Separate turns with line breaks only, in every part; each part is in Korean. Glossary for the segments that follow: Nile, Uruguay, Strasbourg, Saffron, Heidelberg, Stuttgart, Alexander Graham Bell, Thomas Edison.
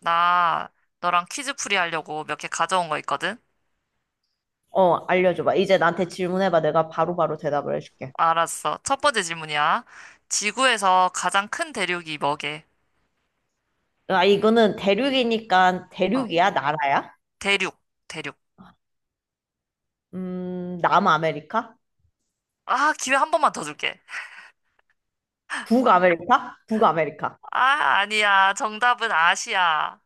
나 너랑 퀴즈풀이 하려고 몇 개 가져온 거 있거든?
어, 알려줘봐. 이제 나한테 질문해봐. 내가 바로바로 대답을 해줄게.
알았어. 첫 번째 질문이야. 지구에서 가장 큰 대륙이 뭐게?
아, 이거는 대륙이니까
어,
대륙이야? 나라야?
대륙, 대륙.
남아메리카?
아, 기회 한 번만 더 줄게.
북아메리카? 북아메리카.
아, 아니야. 정답은 아시아.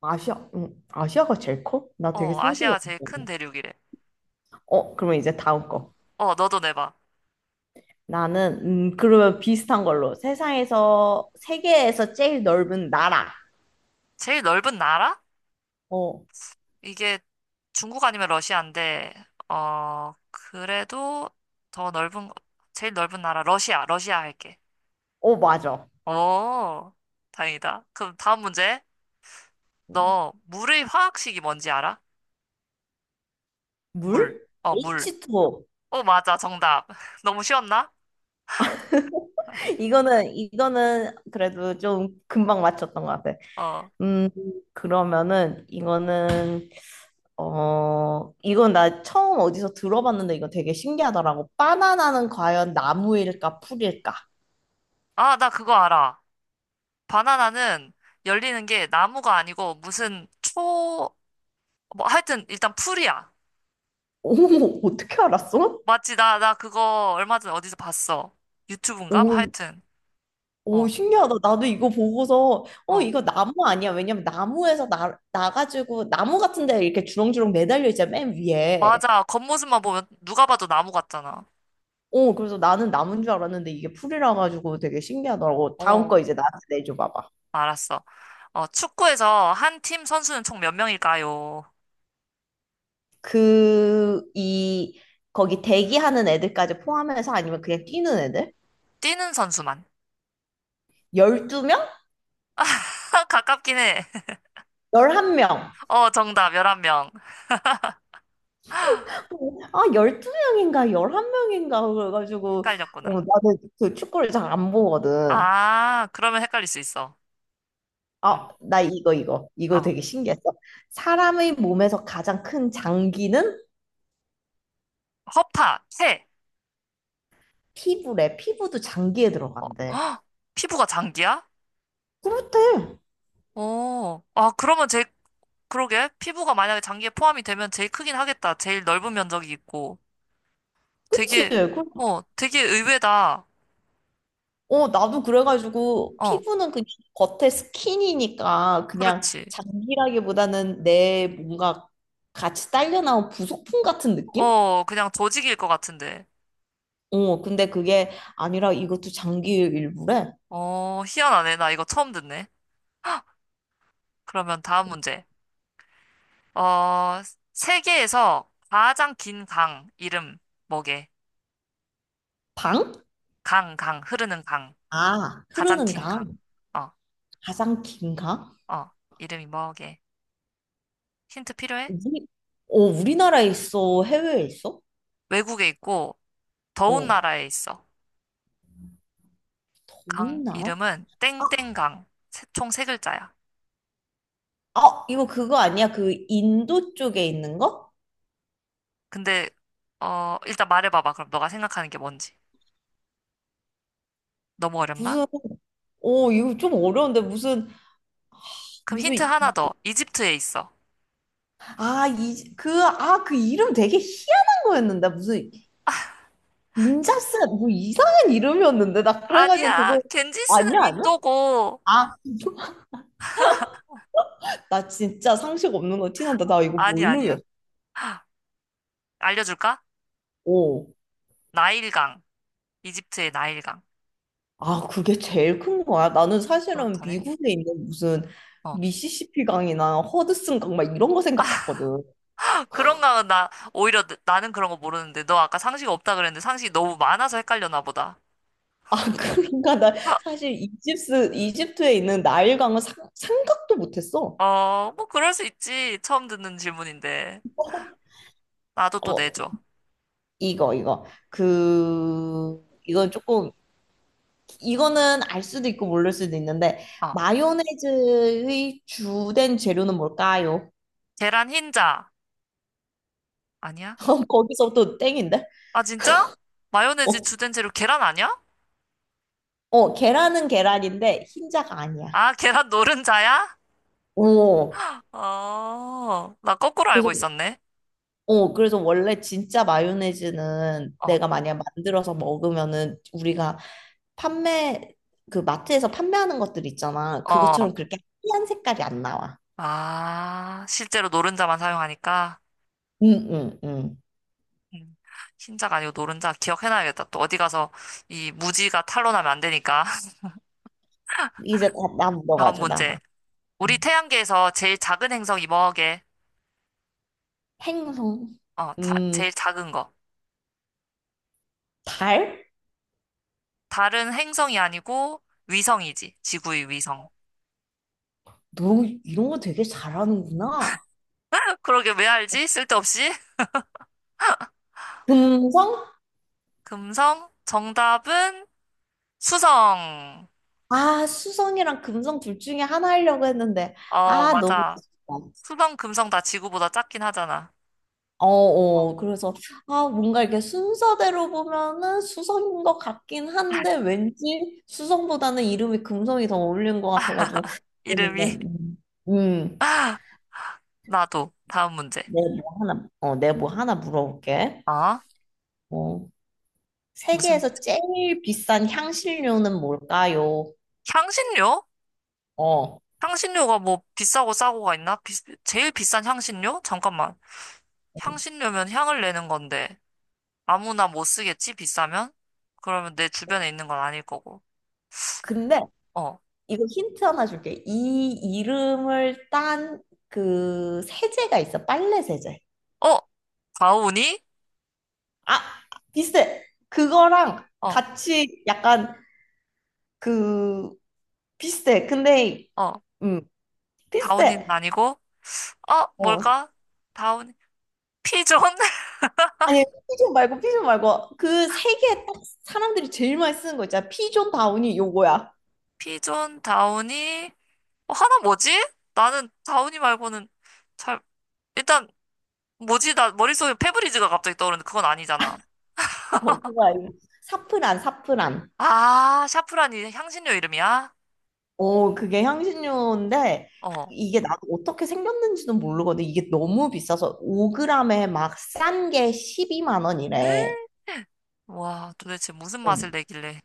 아시아, 아시아가 제일 커? 나 되게
어,
상식이
아시아가 제일 큰
없는데.
대륙이래.
어, 그러면 이제 다음 거.
어, 너도 내봐.
나는, 그러면 비슷한 걸로. 세계에서 제일 넓은 나라.
제일 넓은 나라?
어,
이게 중국 아니면 러시아인데, 어, 그래도 더 넓은, 제일 넓은 나라, 러시아, 러시아 할게.
어, 맞아.
오, 다행이다. 그럼 다음 문제. 너 물의 화학식이 뭔지 알아? 물.
물?
어, 물.
H2O.
어, 맞아. 정답. 너무 쉬웠나?
이거는 그래도 좀 금방 맞췄던 것 같아.
어.
음, 그러면은 이거는 어 이건 나 처음 어디서 들어봤는데 이거 되게 신기하더라고. 바나나는 과연 나무일까 풀일까?
아, 나 그거 알아. 바나나는 열리는 게 나무가 아니고 무슨 초, 뭐 하여튼 일단 풀이야.
오, 어떻게 알았어?
맞지? 나 그거 얼마 전에 어디서 봤어. 유튜브인가? 뭐
오,
하여튼.
오,
어,
신기하다. 나도 이거 보고서
어.
이거 나무 아니야? 왜냐면 나무에서 나 나가지고 나무 같은 데 이렇게 주렁주렁 매달려 있잖아 맨 위에.
맞아. 겉모습만 보면 누가 봐도 나무 같잖아.
그래서 나는 나무인 줄 알았는데 이게 풀이라 가지고 되게 신기하더라고. 다음 거
어,
이제 나한테 내줘 봐봐.
알았어. 어, 축구에서 한 팀 선수는 총 몇 명일까요?
그, 이, 거기 대기하는 애들까지 포함해서 아니면 그냥 뛰는 애들?
뛰는 선수만.
12명?
가깝긴 해.
11명.
어, 정답, 11명.
아, 12명인가, 11명인가, 그래가지고, 어,
헷갈렸구나.
나는 그 축구를 잘 안 보거든.
아, 그러면 헷갈릴 수 있어. 응.
아, 나 이거. 이거
어,
되게 신기했어. 사람의 몸에서 가장 큰 장기는
허파, 새
피부래. 피부도 장기에
어,
들어간대.
헉, 피부가 장기야?
그렇대.
오 아, 그러면 제일, 그러게. 피부가 만약에 장기에 포함이 되면 제일 크긴 하겠다. 제일 넓은 면적이 있고.
그치?
되게, 되게 의외다.
나도 그래가지고
어,
피부는 그냥 겉에 스킨이니까 그냥
그렇지.
장기라기보다는 내 뭔가 같이 딸려 나온 부속품 같은 느낌?
어, 그냥 조직일 것 같은데.
어, 근데 그게 아니라 이것도 장기 일부래.
어, 희한하네. 나 이거 처음 듣네. 그러면 다음 문제. 어, 세계에서 가장 긴 강 이름 뭐게?
방?
강, 강, 흐르는 강.
아,
가장
흐르는
긴 강.
강.
어,
가장 긴 강?
어. 이름이 뭐게? 힌트 필요해?
우리, 우리나라에 있어? 해외에 있어?
외국에 있고, 더운
어,
나라에 있어. 강
더운 나라?
이름은
아,
땡땡강. 총 세 글자야.
아, 이거 그거 아니야? 그 인도 쪽에 있는 거?
근데, 일단 말해봐봐. 그럼 너가 생각하는 게 뭔지. 너무 어렵나?
무슨, 이거 좀 어려운데 무슨
그럼 힌트
무슨
하나 더. 이집트에 있어.
그 이름 되게 희한한 거였는데. 무슨 인자스, 뭐 이상한 이름이었는데. 나 그래가지고
아니야.
그거,
겐지스는
아니야, 아니야?
인도고.
아, 나 진짜 상식 없는 거 티난다. 나 이거
아니야, 아니야.
모르겠어.
알려줄까?
오.
나일강. 이집트의 나일강.
아, 그게 제일 큰 거야. 나는 사실은
그렇다네.
미국에 있는 무슨
어.
미시시피 강이나 허드슨 강 막 이런 거 생각했거든.
그런가 나 오히려 나는 그런 거 모르는데 너 아까 상식 없다 그랬는데 상식이 너무 많아서 헷갈려나 보다.
아, 그러니까 나
아,
사실 이집트에 있는 나일 강은 생각도 못했어.
뭐 그럴 수 있지. 처음 듣는 질문인데. 나도 또
어,
내줘.
이거 그 이건 조금 이거는 알 수도 있고 모를 수도 있는데
어.
마요네즈의 주된 재료는 뭘까요?
계란 흰자. 아니야?
거기서부터 땡인데?
아, 진짜? 마요네즈
어,
주된 재료 계란 아니야?
어 계란은 계란인데 흰자가 아니야.
아, 계란 노른자야?
오
어, 나 거꾸로 알고
그래서
있었네.
그래서 원래 진짜 마요네즈는
어,
내가 만약 만들어서 먹으면은 우리가 판매 그 마트에서 판매하는 것들 있잖아.
어.
그것처럼 그렇게 하얀 색깔이 안 나와.
아, 실제로 노른자만 사용하니까.
응, 응, 응.
음, 흰자가 아니고 노른자 기억해놔야겠다. 또 어디 가서 이 무지가 탄로 나면 안 되니까.
이제 나
다음
물어봐줘, 나라.
문제. 우리 태양계에서 제일 작은 행성이 뭐게?
행성.
어,
음,
제일 작은 거.
달?
다른 행성이 아니고 위성이지. 지구의 위성.
너 이런 거 되게 잘하는구나.
그러게 왜 알지? 쓸데없이.
금성?
금성? 정답은 수성.
아, 수성이랑 금성 둘 중에 하나 하려고 했는데,
어,
아, 너무
맞아.
아쉽다.
수성, 금성 다 지구보다 작긴 하잖아.
어, 어, 그래서, 아, 뭔가 이렇게 순서대로 보면은 수성인 것 같긴 한데, 왠지 수성보다는 이름이 금성이 더 어울리는 것 같아가지고,
이름이.
그러는데, 음,
나도. 다음 문제.
내뭐 하나 물어볼게.
아,
어.
무슨
세계에서
문제?
제일 비싼 향신료는 뭘까요?
향신료?
어.
향신료가 뭐 비싸고 싸고가 있나? 제일 비싼 향신료? 잠깐만. 향신료면 향을 내는 건데. 아무나 못 쓰겠지? 비싸면? 그러면 내 주변에 있는 건 아닐 거고.
근데
어.
이거 힌트 하나 줄게. 이 이름을 딴 그 세제가 있어. 빨래 세제.
어? 다우니?
아, 비슷해. 그거랑
어,
같이 약간 그 비슷해. 근데
어.
음,
다우니는
비슷해.
아니고, 어,
어.
뭘까? 다우니. 피존?
아니, 피존 말고 피존 말고 그 세계딱 사람들이 제일 많이 쓰는 거 있잖아. 피존 다운이 요거야.
피존, 다우니. 어, 하나 뭐지? 나는 다우니 말고는 잘, 일단, 뭐지? 나 머릿속에 페브리즈가 갑자기 떠오르는데 그건 아니잖아.
어, 그거 아니고. 사프란, 사프란.
아, 샤프란이 향신료 이름이야?
어, 그게 향신료인데 하-
어.
이게 나도 어떻게 생겼는지는 모르거든. 이게 너무 비싸서 5g에 막 싼 게 12만 원이래.
와, 도대체 무슨
어.
맛을 내길래.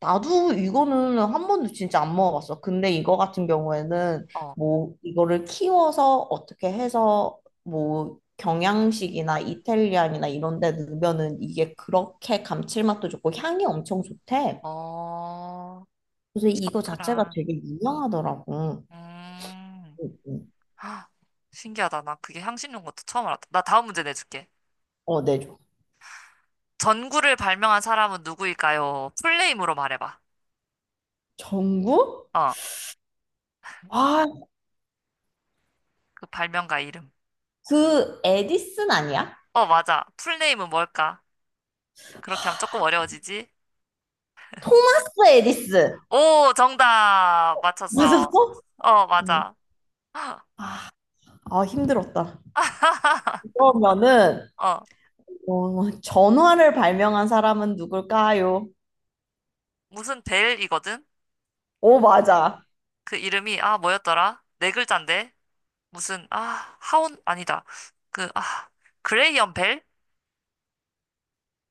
나도 이거는 한 번도 진짜 안 먹어봤어. 근데 이거 같은 경우에는
어,
뭐 이거를 키워서 어떻게 해서 뭐 경양식이나 이탈리안이나 이런 데 넣으면은 이게 그렇게 감칠맛도 좋고 향이 엄청 좋대.
어,
그래서 이거 자체가
샤프란.
되게 유명하더라고.
음.
응, 응.
아, 신기하다. 나 그게 향신료인 것도 처음 알았다. 나 다음 문제 내줄게.
어, 네.
전구를 발명한 사람은 누구일까요? 풀네임으로 말해봐.
전구?
어,
아,
그 발명가 이름.
그 에디슨 아니야?
어, 맞아. 풀네임은 뭘까? 그렇게 하면 조금 어려워지지?
토마스 에디슨.
오, 정답!
맞았어?
맞췄어. 어,
어.
맞아.
아, 아, 힘들었다. 그러면은
어,
어, 전화를 발명한 사람은 누굴까요?
무슨 벨이거든?
오,
네.
맞아.
그 이름이, 아, 뭐였더라? 네 글자인데? 무슨, 아, 하온, 아니다. 그, 아, 그레이엄 벨?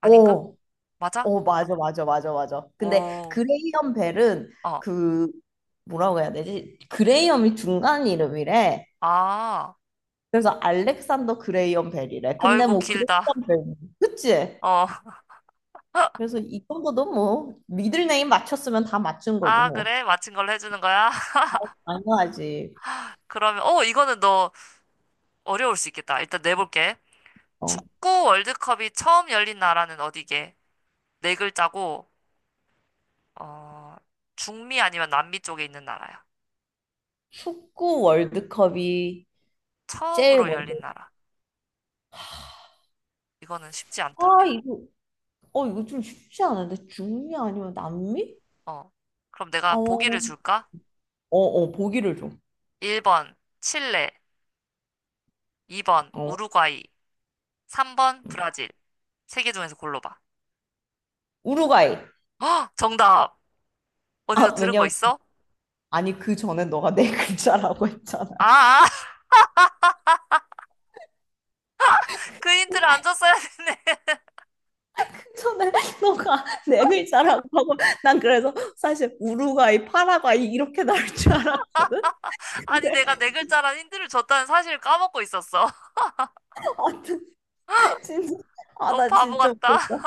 아닌가?
오,
맞아?
오, 맞아, 맞아, 맞아, 맞아. 근데
오.
그레이엄 벨은
어,
그 뭐라고 해야 되지? 그레이엄이 중간 이름이래.
아,
그래서 알렉산더 그레이엄 벨이래. 근데
아이고,
뭐
길다.
그레이엄 벨, 그치?
어,
그래서 이 정도도 뭐 미들네임 맞췄으면 다 맞춘 거지
아,
뭐.
그래? 맞힌 걸로 해주는 거야?
당연하지.
그러면, 이거는 너 어려울 수 있겠다. 일단 내볼게.
어,
축구 월드컵이 처음 열린 나라는 어디게? 네 글자고, 어, 중미 아니면 남미 쪽에 있는 나라야.
축구 월드컵이 제일
처음으로
먼저.
열린 나라. 이거는 쉽지 않다.
아, 이거 좀 쉽지 않은데? 중미 아니면 남미?
어. 그럼
어,
내가 보기를
어,
줄까?
어, 보기를 줘.
1번, 칠레. 2번,
어,
우루과이. 3번, 브라질. 세 개 중에서 골라봐.
우루과이.
정답! 어디서
아,
들은 거
왜냐면,
있어?
아니, 그 전에 너가 네 글자라고 했잖아.
아, 아, 그 힌트를 안 줬어야 했네.
그 전에 너가 네 글자라고 하고, 난 그래서 사실 우루과이, 파라과이 이렇게 나올 줄 알았거든?
아니,
근데,
내가 네 글자란 힌트를 줬다는 사실을 까먹고 있었어.
아, 진짜, 아,
너무
나
바보
진짜
같다.
웃겼다.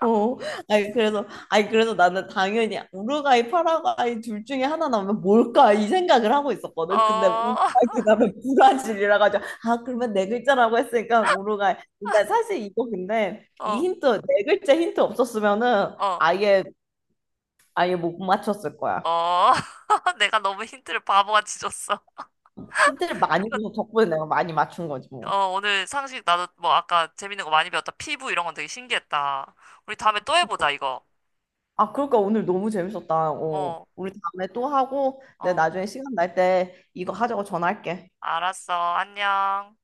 어, 아니, 그래서 나는 당연히 우루과이, 파라과이 둘 중에 하나 나오면 뭘까? 이 생각을 하고 있었거든. 근데
어,
우루과이 그다음에 브라질이라 가지고, 아, 그러면 네 글자라고 했으니까 우루과이. 근데 사실 이거 근데 이
어,
힌트, 네 글자 힌트 없었으면은
어,
아예 못 맞췄을 거야.
어. 내가 너무 힌트를 바보같이 줬어.
힌트를 많이
이거,
줘서 덕분에 내가 많이 맞춘 거지, 뭐.
오늘 상식 나도 뭐 아까 재밌는 거 많이 배웠다. 피부 이런 건 되게 신기했다. 우리 다음에 또 해보자, 이거.
아, 그러니까 오늘 너무 재밌었다. 어,
어,
우리 다음에 또 하고, 내
어.
나중에 시간 날 때 이거 하자고 전화할게.
알았어. 안녕.